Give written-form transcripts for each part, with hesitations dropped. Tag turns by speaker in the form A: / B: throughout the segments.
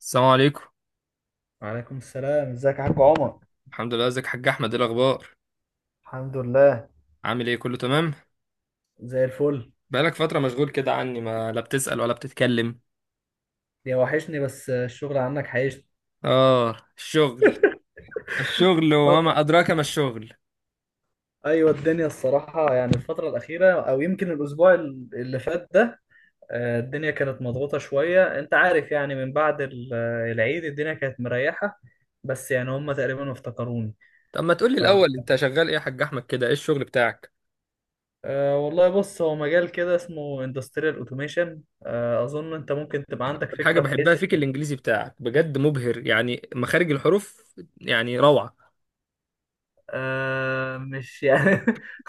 A: السلام عليكم.
B: وعليكم السلام، ازيك يا حاج عمر؟
A: الحمد لله، ازيك يا حاج احمد؟ ايه الاخبار؟
B: الحمد لله.
A: عامل ايه؟ كله تمام؟
B: زي الفل.
A: بقالك فتره مشغول كده عني، ما لا بتسأل ولا بتتكلم.
B: يا وحشني، بس الشغل عنك حيشني.
A: اه الشغل، الشغل
B: اه.
A: وما ادراك ما الشغل.
B: ايوه، الدنيا الصراحة يعني الفترة الأخيرة أو يمكن الأسبوع اللي فات ده، الدنيا كانت مضغوطة شوية. أنت عارف يعني من بعد العيد الدنيا كانت مريحة، بس يعني هم تقريبا افتكروني.
A: طب ما تقولي
B: ف
A: الاول، انت شغال ايه يا حاج احمد كده؟ ايه الشغل بتاعك؟
B: آه، والله، بص هو مجال كده اسمه industrial automation. أظن أنت ممكن تبقى عندك
A: الحاجه
B: فكرة
A: بحبها
B: بحيث.
A: فيك الانجليزي بتاعك، بجد مبهر، يعني مخارج الحروف يعني روعه.
B: مش يعني.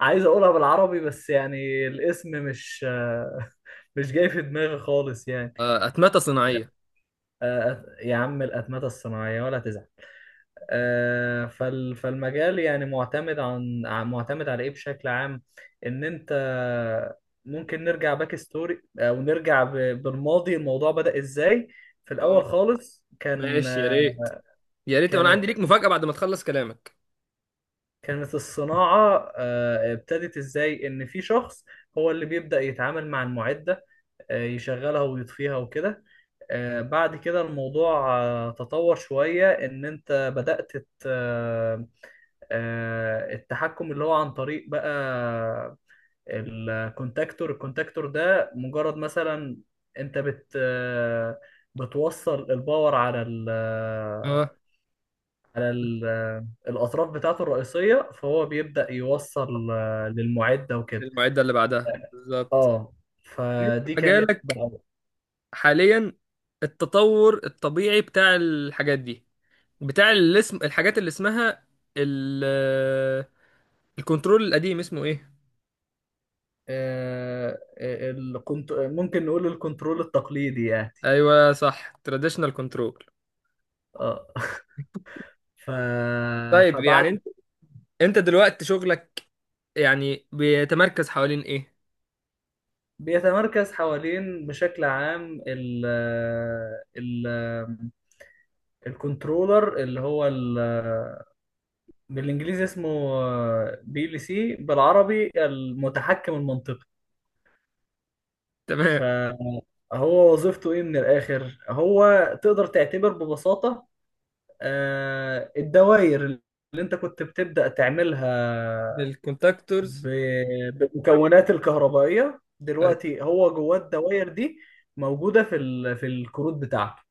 B: عايز اقولها بالعربي، بس يعني الاسم مش جاي في دماغي خالص يعني.
A: اتمته صناعيه.
B: يا عم الأتمتة الصناعية ولا تزعل. فالمجال يعني معتمد على ايه بشكل عام؟ ان انت ممكن نرجع باك ستوري او نرجع بالماضي، الموضوع بدأ ازاي في الاول
A: اه،
B: خالص؟
A: ماشي، يا ريت، يا ريت. انا عندي
B: كانت
A: ليك مفاجأة بعد ما تخلص كلامك.
B: كانت الصناعة ابتدت ازاي؟ ان في شخص هو اللي بيبدأ يتعامل مع المعدة، يشغلها ويطفيها وكده. بعد كده الموضوع تطور شوية إن أنت بدأت التحكم اللي هو عن طريق بقى الكونتاكتور ده مجرد مثلا. أنت بت آه، بتوصل الباور على
A: اه،
B: على الأطراف بتاعته الرئيسية، فهو بيبدأ يوصل للمعدة وكده.
A: المعدة اللي بعدها بالظبط.
B: اه.
A: انت
B: فدي كانت
A: مجالك
B: بقى.
A: حاليا، التطور الطبيعي بتاع الحاجات دي، بتاع الاسم، الحاجات اللي اسمها ال الكنترول القديم اسمه ايه؟
B: آه، ممكن نقول الكنترول التقليدي يعني.
A: ايوه صح، تراديشنال كنترول.
B: اه. ف...
A: طيب، يعني
B: فبعد
A: انت دلوقتي شغلك يعني بيتمركز حوالين ايه؟
B: بيتمركز حوالين بشكل عام. ال... الكنترولر اللي هو بالانجليزي اسمه بي ال سي، بالعربي المتحكم المنطقي.
A: تمام،
B: فهو وظيفته ايه من الاخر؟ هو تقدر تعتبر ببساطة الدوائر اللي انت كنت بتبدأ تعملها
A: بالكونتاكتورز.
B: بالمكونات الكهربائية
A: أيوة.
B: دلوقتي هو جواه. الدوائر دي موجودة في الكروت بتاعته.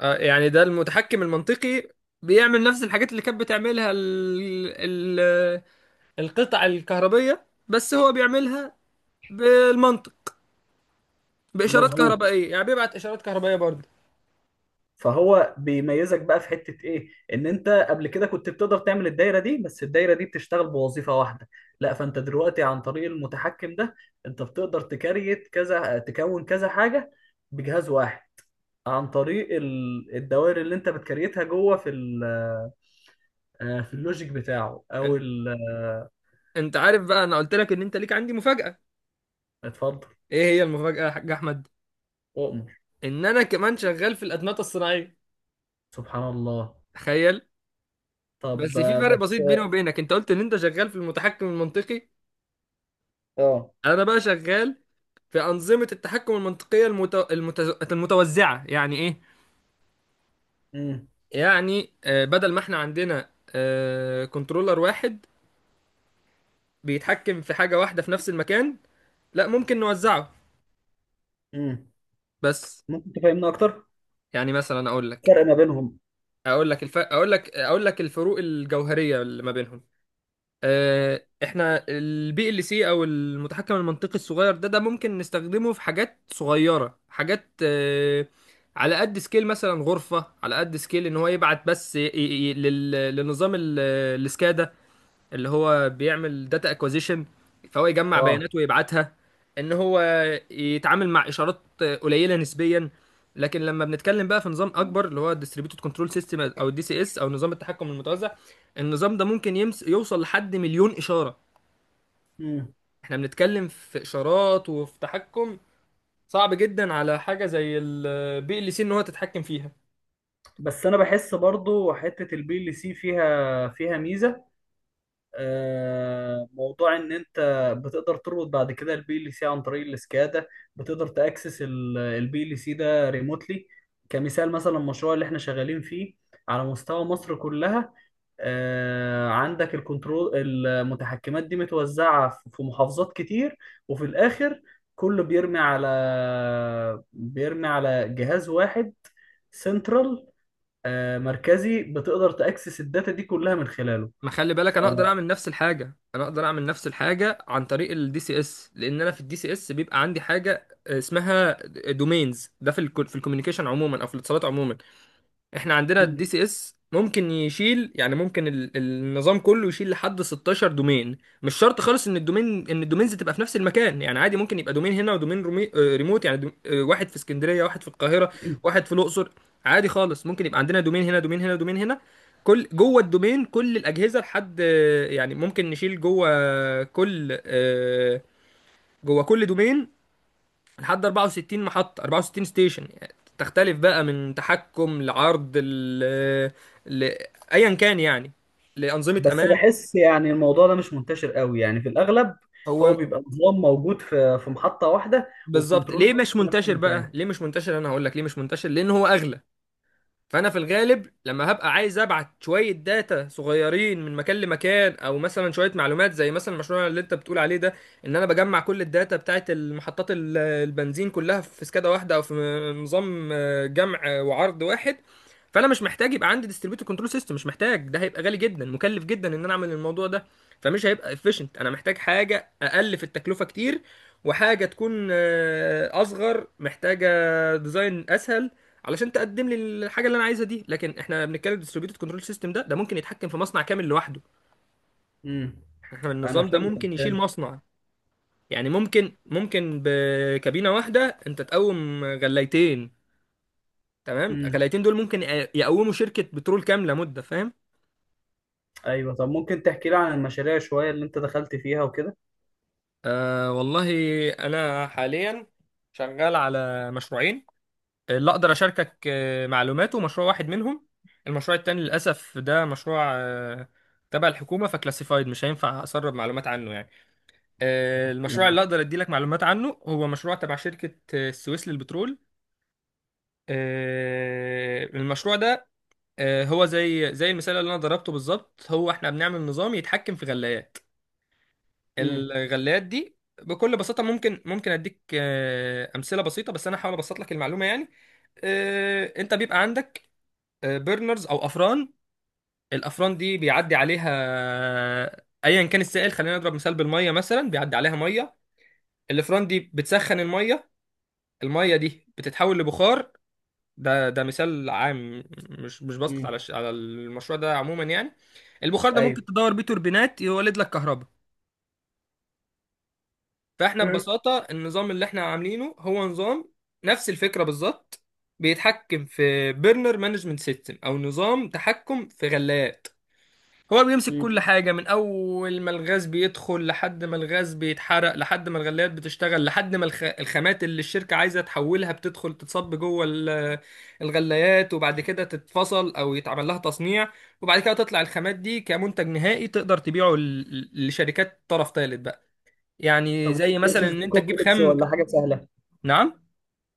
A: يعني ده المتحكم المنطقي بيعمل نفس الحاجات اللي كانت بتعملها ال... القطع الكهربية، بس هو بيعملها بالمنطق، باشارات
B: مظبوط.
A: كهربائيه، يعني بيبعت اشارات كهربائيه برضه.
B: فهو بيميزك بقى في حتة ايه؟ ان انت قبل كده كنت بتقدر تعمل الدايرة دي، بس الدايرة دي بتشتغل بوظيفة واحدة. لا، فانت دلوقتي عن طريق المتحكم ده انت بتقدر تكريت كذا تكون كذا حاجة بجهاز واحد، عن طريق الدوائر اللي انت بتكريتها جوه في اللوجيك بتاعه
A: انت انت عارف بقى انا قلت لك ان انت ليك عندي مفاجاه؟
B: اتفضل.
A: ايه هي المفاجاه يا حاج احمد؟
B: اؤمر.
A: ان انا كمان شغال في الادمغه الصناعيه،
B: سبحان الله.
A: تخيل. بس
B: طب
A: في فرق
B: بس.
A: بسيط بيني وبينك، انت قلت ان انت شغال في المتحكم المنطقي،
B: اه.
A: انا بقى شغال في انظمه التحكم المنطقيه المتوزعه. يعني ايه؟
B: امم.
A: يعني بدل ما احنا عندنا كنترولر واحد بيتحكم في حاجه واحده في نفس المكان، لا، ممكن نوزعه.
B: امم.
A: بس
B: ممكن تفهمنا اكتر؟
A: يعني مثلا اقول لك
B: فرق ما بينهم.
A: اقول لك الف... اقول لك اقول لك الفروق الجوهريه اللي ما بينهم. احنا البي ال سي او المتحكم المنطقي الصغير ده ممكن نستخدمه في حاجات صغيره، حاجات على قد سكيل، مثلا غرفه، على قد سكيل ان هو يبعت بس لنظام السكادا اللي هو بيعمل داتا اكوزيشن، فهو يجمع
B: اه.
A: بيانات ويبعتها. ان هو يتعامل مع اشارات قليله نسبيا. لكن لما بنتكلم بقى في نظام اكبر، اللي هو الديستريبيوتد كنترول سيستم او الدي سي اس او نظام التحكم المتوزع، النظام ده ممكن يمس يوصل لحد 1000000 اشاره.
B: مم.
A: احنا بنتكلم في اشارات وفي تحكم صعب جدا على حاجه زي البي ال سي ان هو تتحكم فيها.
B: بس انا بحس برضو حته البي ال سي فيها ميزه. موضوع ان انت بتقدر تربط بعد كده البي ال سي عن طريق السكادا، بتقدر تاكسس البي ال سي ده ريموتلي. كمثال مثلا، المشروع اللي احنا شغالين فيه على مستوى مصر كلها، آه، عندك الكنترول المتحكمات دي متوزعه في محافظات كتير، وفي الاخر كله بيرمي على جهاز واحد سنترال مركزي. بتقدر تأكسس الداتا دي كلها من خلاله.
A: ما خلي
B: ف...
A: بالك، انا اقدر اعمل نفس الحاجه، عن طريق الدي سي اس، لان انا في الدي سي اس بيبقى عندي حاجه اسمها دومينز. ده في ال في الكوميونيكيشن عموما او في الاتصالات عموما. احنا عندنا الدي سي اس ممكن يشيل، يعني ممكن النظام كله يشيل لحد 16 دومين. مش شرط خالص ان الدومين، ان الدومينز تبقى في نفس المكان. يعني عادي ممكن يبقى دومين هنا ودومين رومي... آه، ريموت، يعني دوم... آه، واحد في اسكندرية واحد في القاهرة واحد في الاقصر. عادي خالص، ممكن يبقى عندنا دومين هنا دومين هنا دومين هنا. كل جوه الدومين، كل الاجهزه لحد يعني ممكن نشيل جوه كل دومين لحد 64 محطة، 64 ستيشن. يعني تختلف بقى من تحكم لعرض ل... ايا كان يعني، لأنظمة
B: بس
A: امان.
B: بحس يعني الموضوع ده مش منتشر قوي، يعني في الأغلب هو
A: هو
B: بيبقى نظام موجود في محطة واحدة
A: بالظبط
B: والكنترول
A: ليه
B: موجود
A: مش
B: في نفس
A: منتشر
B: المكان.
A: بقى ليه مش منتشر انا هقول لك ليه مش منتشر؟ لان هو اغلى. فانا في الغالب لما هبقى عايز ابعت شويه داتا صغيرين من مكان لمكان، او مثلا شويه معلومات زي مثلا المشروع اللي انت بتقول عليه ده، ان انا بجمع كل الداتا بتاعت المحطات البنزين كلها في سكادا واحده، او في نظام جمع وعرض واحد. فانا مش محتاج يبقى عندي ديستريبيوتور كنترول سيستم، مش محتاج، ده هيبقى غالي جدا، مكلف جدا ان انا اعمل الموضوع ده. فمش هيبقى efficient، انا محتاج حاجه اقل في التكلفه كتير، وحاجه تكون اصغر، محتاجه ديزاين اسهل علشان تقدم لي الحاجه اللي انا عايزها دي. لكن احنا بنتكلم ديستريبيوتد كنترول سيستم، ده ممكن يتحكم في مصنع كامل لوحده.
B: امم.
A: احنا
B: أنا
A: النظام ده
B: فهمتك،
A: ممكن يشيل
B: فهمت.
A: مصنع. يعني ممكن بكابينه واحده انت تقوم غلايتين، تمام،
B: امم.
A: غلايتين دول ممكن يقوموا شركه بترول كامله، مده فاهم؟
B: أيوه، طب ممكن تحكي لي عن المشاريع شوية اللي أنت دخلت فيها وكده؟
A: آه والله. انا حاليا شغال على مشروعين، اللي اقدر اشاركك معلوماته مشروع واحد منهم. المشروع التاني للاسف ده مشروع تبع الحكومه، فكلاسيفايد، مش هينفع اسرب معلومات عنه يعني. المشروع
B: امم.
A: اللي اقدر اديلك معلومات عنه هو مشروع تبع شركة السويس للبترول. المشروع ده هو زي زي المثال اللي انا ضربته بالظبط. هو احنا بنعمل نظام يتحكم في غلايات.
B: امم.
A: الغلايات دي بكل بساطة، ممكن اديك امثلة بسيطة، بس انا هحاول ابسط لك المعلومة يعني. انت بيبقى عندك بيرنرز او افران. الافران دي بيعدي عليها ايا كان السائل، خلينا نضرب مثال بالميه، مثلا بيعدي عليها ميه. الافران دي بتسخن الميه، الميه دي بتتحول لبخار. ده مثال عام، مش بسقط على
B: أمم.
A: على المشروع ده عموما يعني. البخار ده ممكن
B: أيوه،
A: تدور بيه توربينات، يولد لك كهرباء. فاحنا
B: فهمت.
A: ببساطه النظام اللي احنا عاملينه هو نظام نفس الفكره بالظبط. بيتحكم في بيرنر مانجمنت سيستم او نظام تحكم في غلاف. هو اللي بيمسك
B: امم.
A: كل حاجة، من أول ما الغاز بيدخل، لحد ما الغاز بيتحرق، لحد ما الغليات بتشتغل، لحد ما الخامات اللي الشركة عايزة تحولها بتدخل، تتصب جوه الغليات، وبعد كده تتفصل أو يتعمل لها تصنيع، وبعد كده تطلع الخامات دي كمنتج نهائي تقدر تبيعه لشركات طرف ثالث بقى. يعني
B: طب
A: زي مثلا
B: البروسيس
A: إن
B: دي
A: أنت تجيب
B: كومبلكس
A: خام.
B: ولا حاجة سهلة؟
A: نعم.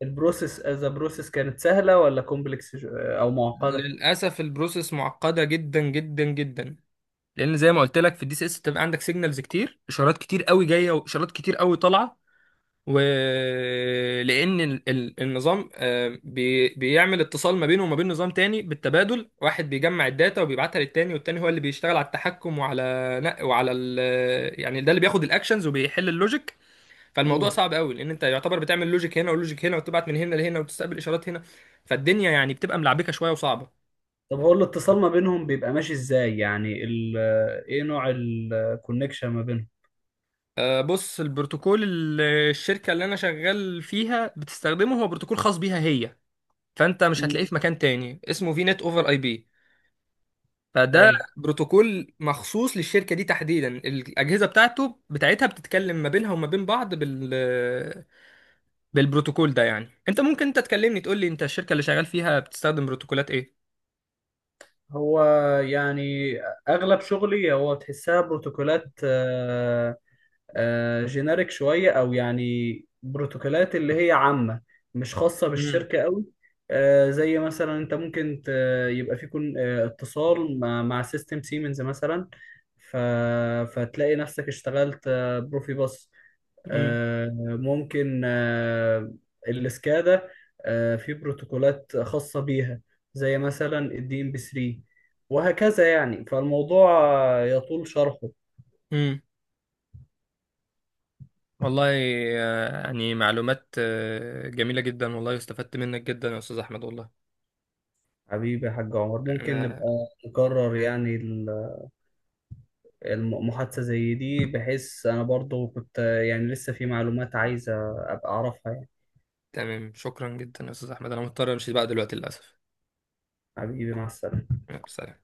B: البروسيس از بروسيس كانت سهلة ولا كومبلكس أو معقدة؟
A: للأسف البروسيس معقدة جدا جدا جدا، لان زي ما قلت لك في الدي سي اس بتبقى عندك سيجنالز كتير، اشارات كتير قوي جايه واشارات كتير قوي طالعه. ولأن النظام بيعمل اتصال ما بينه وما بين نظام تاني بالتبادل. واحد بيجمع الداتا وبيبعتها للتاني، والتاني هو اللي بيشتغل على التحكم وعلى نق- وعلى ال يعني، ده اللي بياخد الاكشنز وبيحل اللوجيك. فالموضوع صعب قوي، لأن انت يعتبر بتعمل لوجيك هنا ولوجيك هنا وتبعت من هنا لهنا وتستقبل اشارات هنا. فالدنيا يعني بتبقى ملعبكة شوية وصعبة.
B: طب هو الاتصال ما بينهم بيبقى ماشي ازاي؟ يعني ال ايه نوع الكونكشن ما بينهم؟
A: بص، البروتوكول الشركة اللي أنا شغال فيها بتستخدمه هو بروتوكول خاص بيها هي، فأنت مش
B: مم.
A: هتلاقيه في مكان تاني. اسمه في نت أوفر أي بي. فده
B: اي،
A: بروتوكول مخصوص للشركه دي تحديدا، الاجهزه بتاعتها بتتكلم ما بينها وما بين بعض بالبروتوكول ده. يعني انت ممكن انت تكلمني تقول لي انت الشركه اللي شغال فيها بتستخدم بروتوكولات ايه؟
B: هو يعني اغلب شغلي هو تحسها بروتوكولات جينيريك شويه، او يعني بروتوكولات اللي هي عامه، مش خاصه
A: امم،
B: بالشركه قوي. زي مثلا انت ممكن يبقى في كون آه، اتصال مع سيستم سيمنز مثلا. ف- فتلاقي نفسك اشتغلت بروفيباص.
A: امم،
B: آه، ممكن الاسكادا في بروتوكولات خاصة بيها، زي مثلا الدي ام بي 3، وهكذا يعني فالموضوع يطول شرحه.
A: امم. والله، يعني معلومات جميله جدا والله، استفدت منك جدا يا استاذ احمد والله.
B: حبيبي يا حاج عمر، ممكن
A: انا
B: نبقى نكرر يعني المحادثة زي دي، بحيث أنا برضو كنت يعني لسه في معلومات عايزة أبقى أعرفها يعني.
A: تمام، شكرا جدا يا استاذ احمد، انا مضطر امشي بقى دلوقتي للاسف.
B: حبيبي، مع السلامة.
A: يلا، سلام.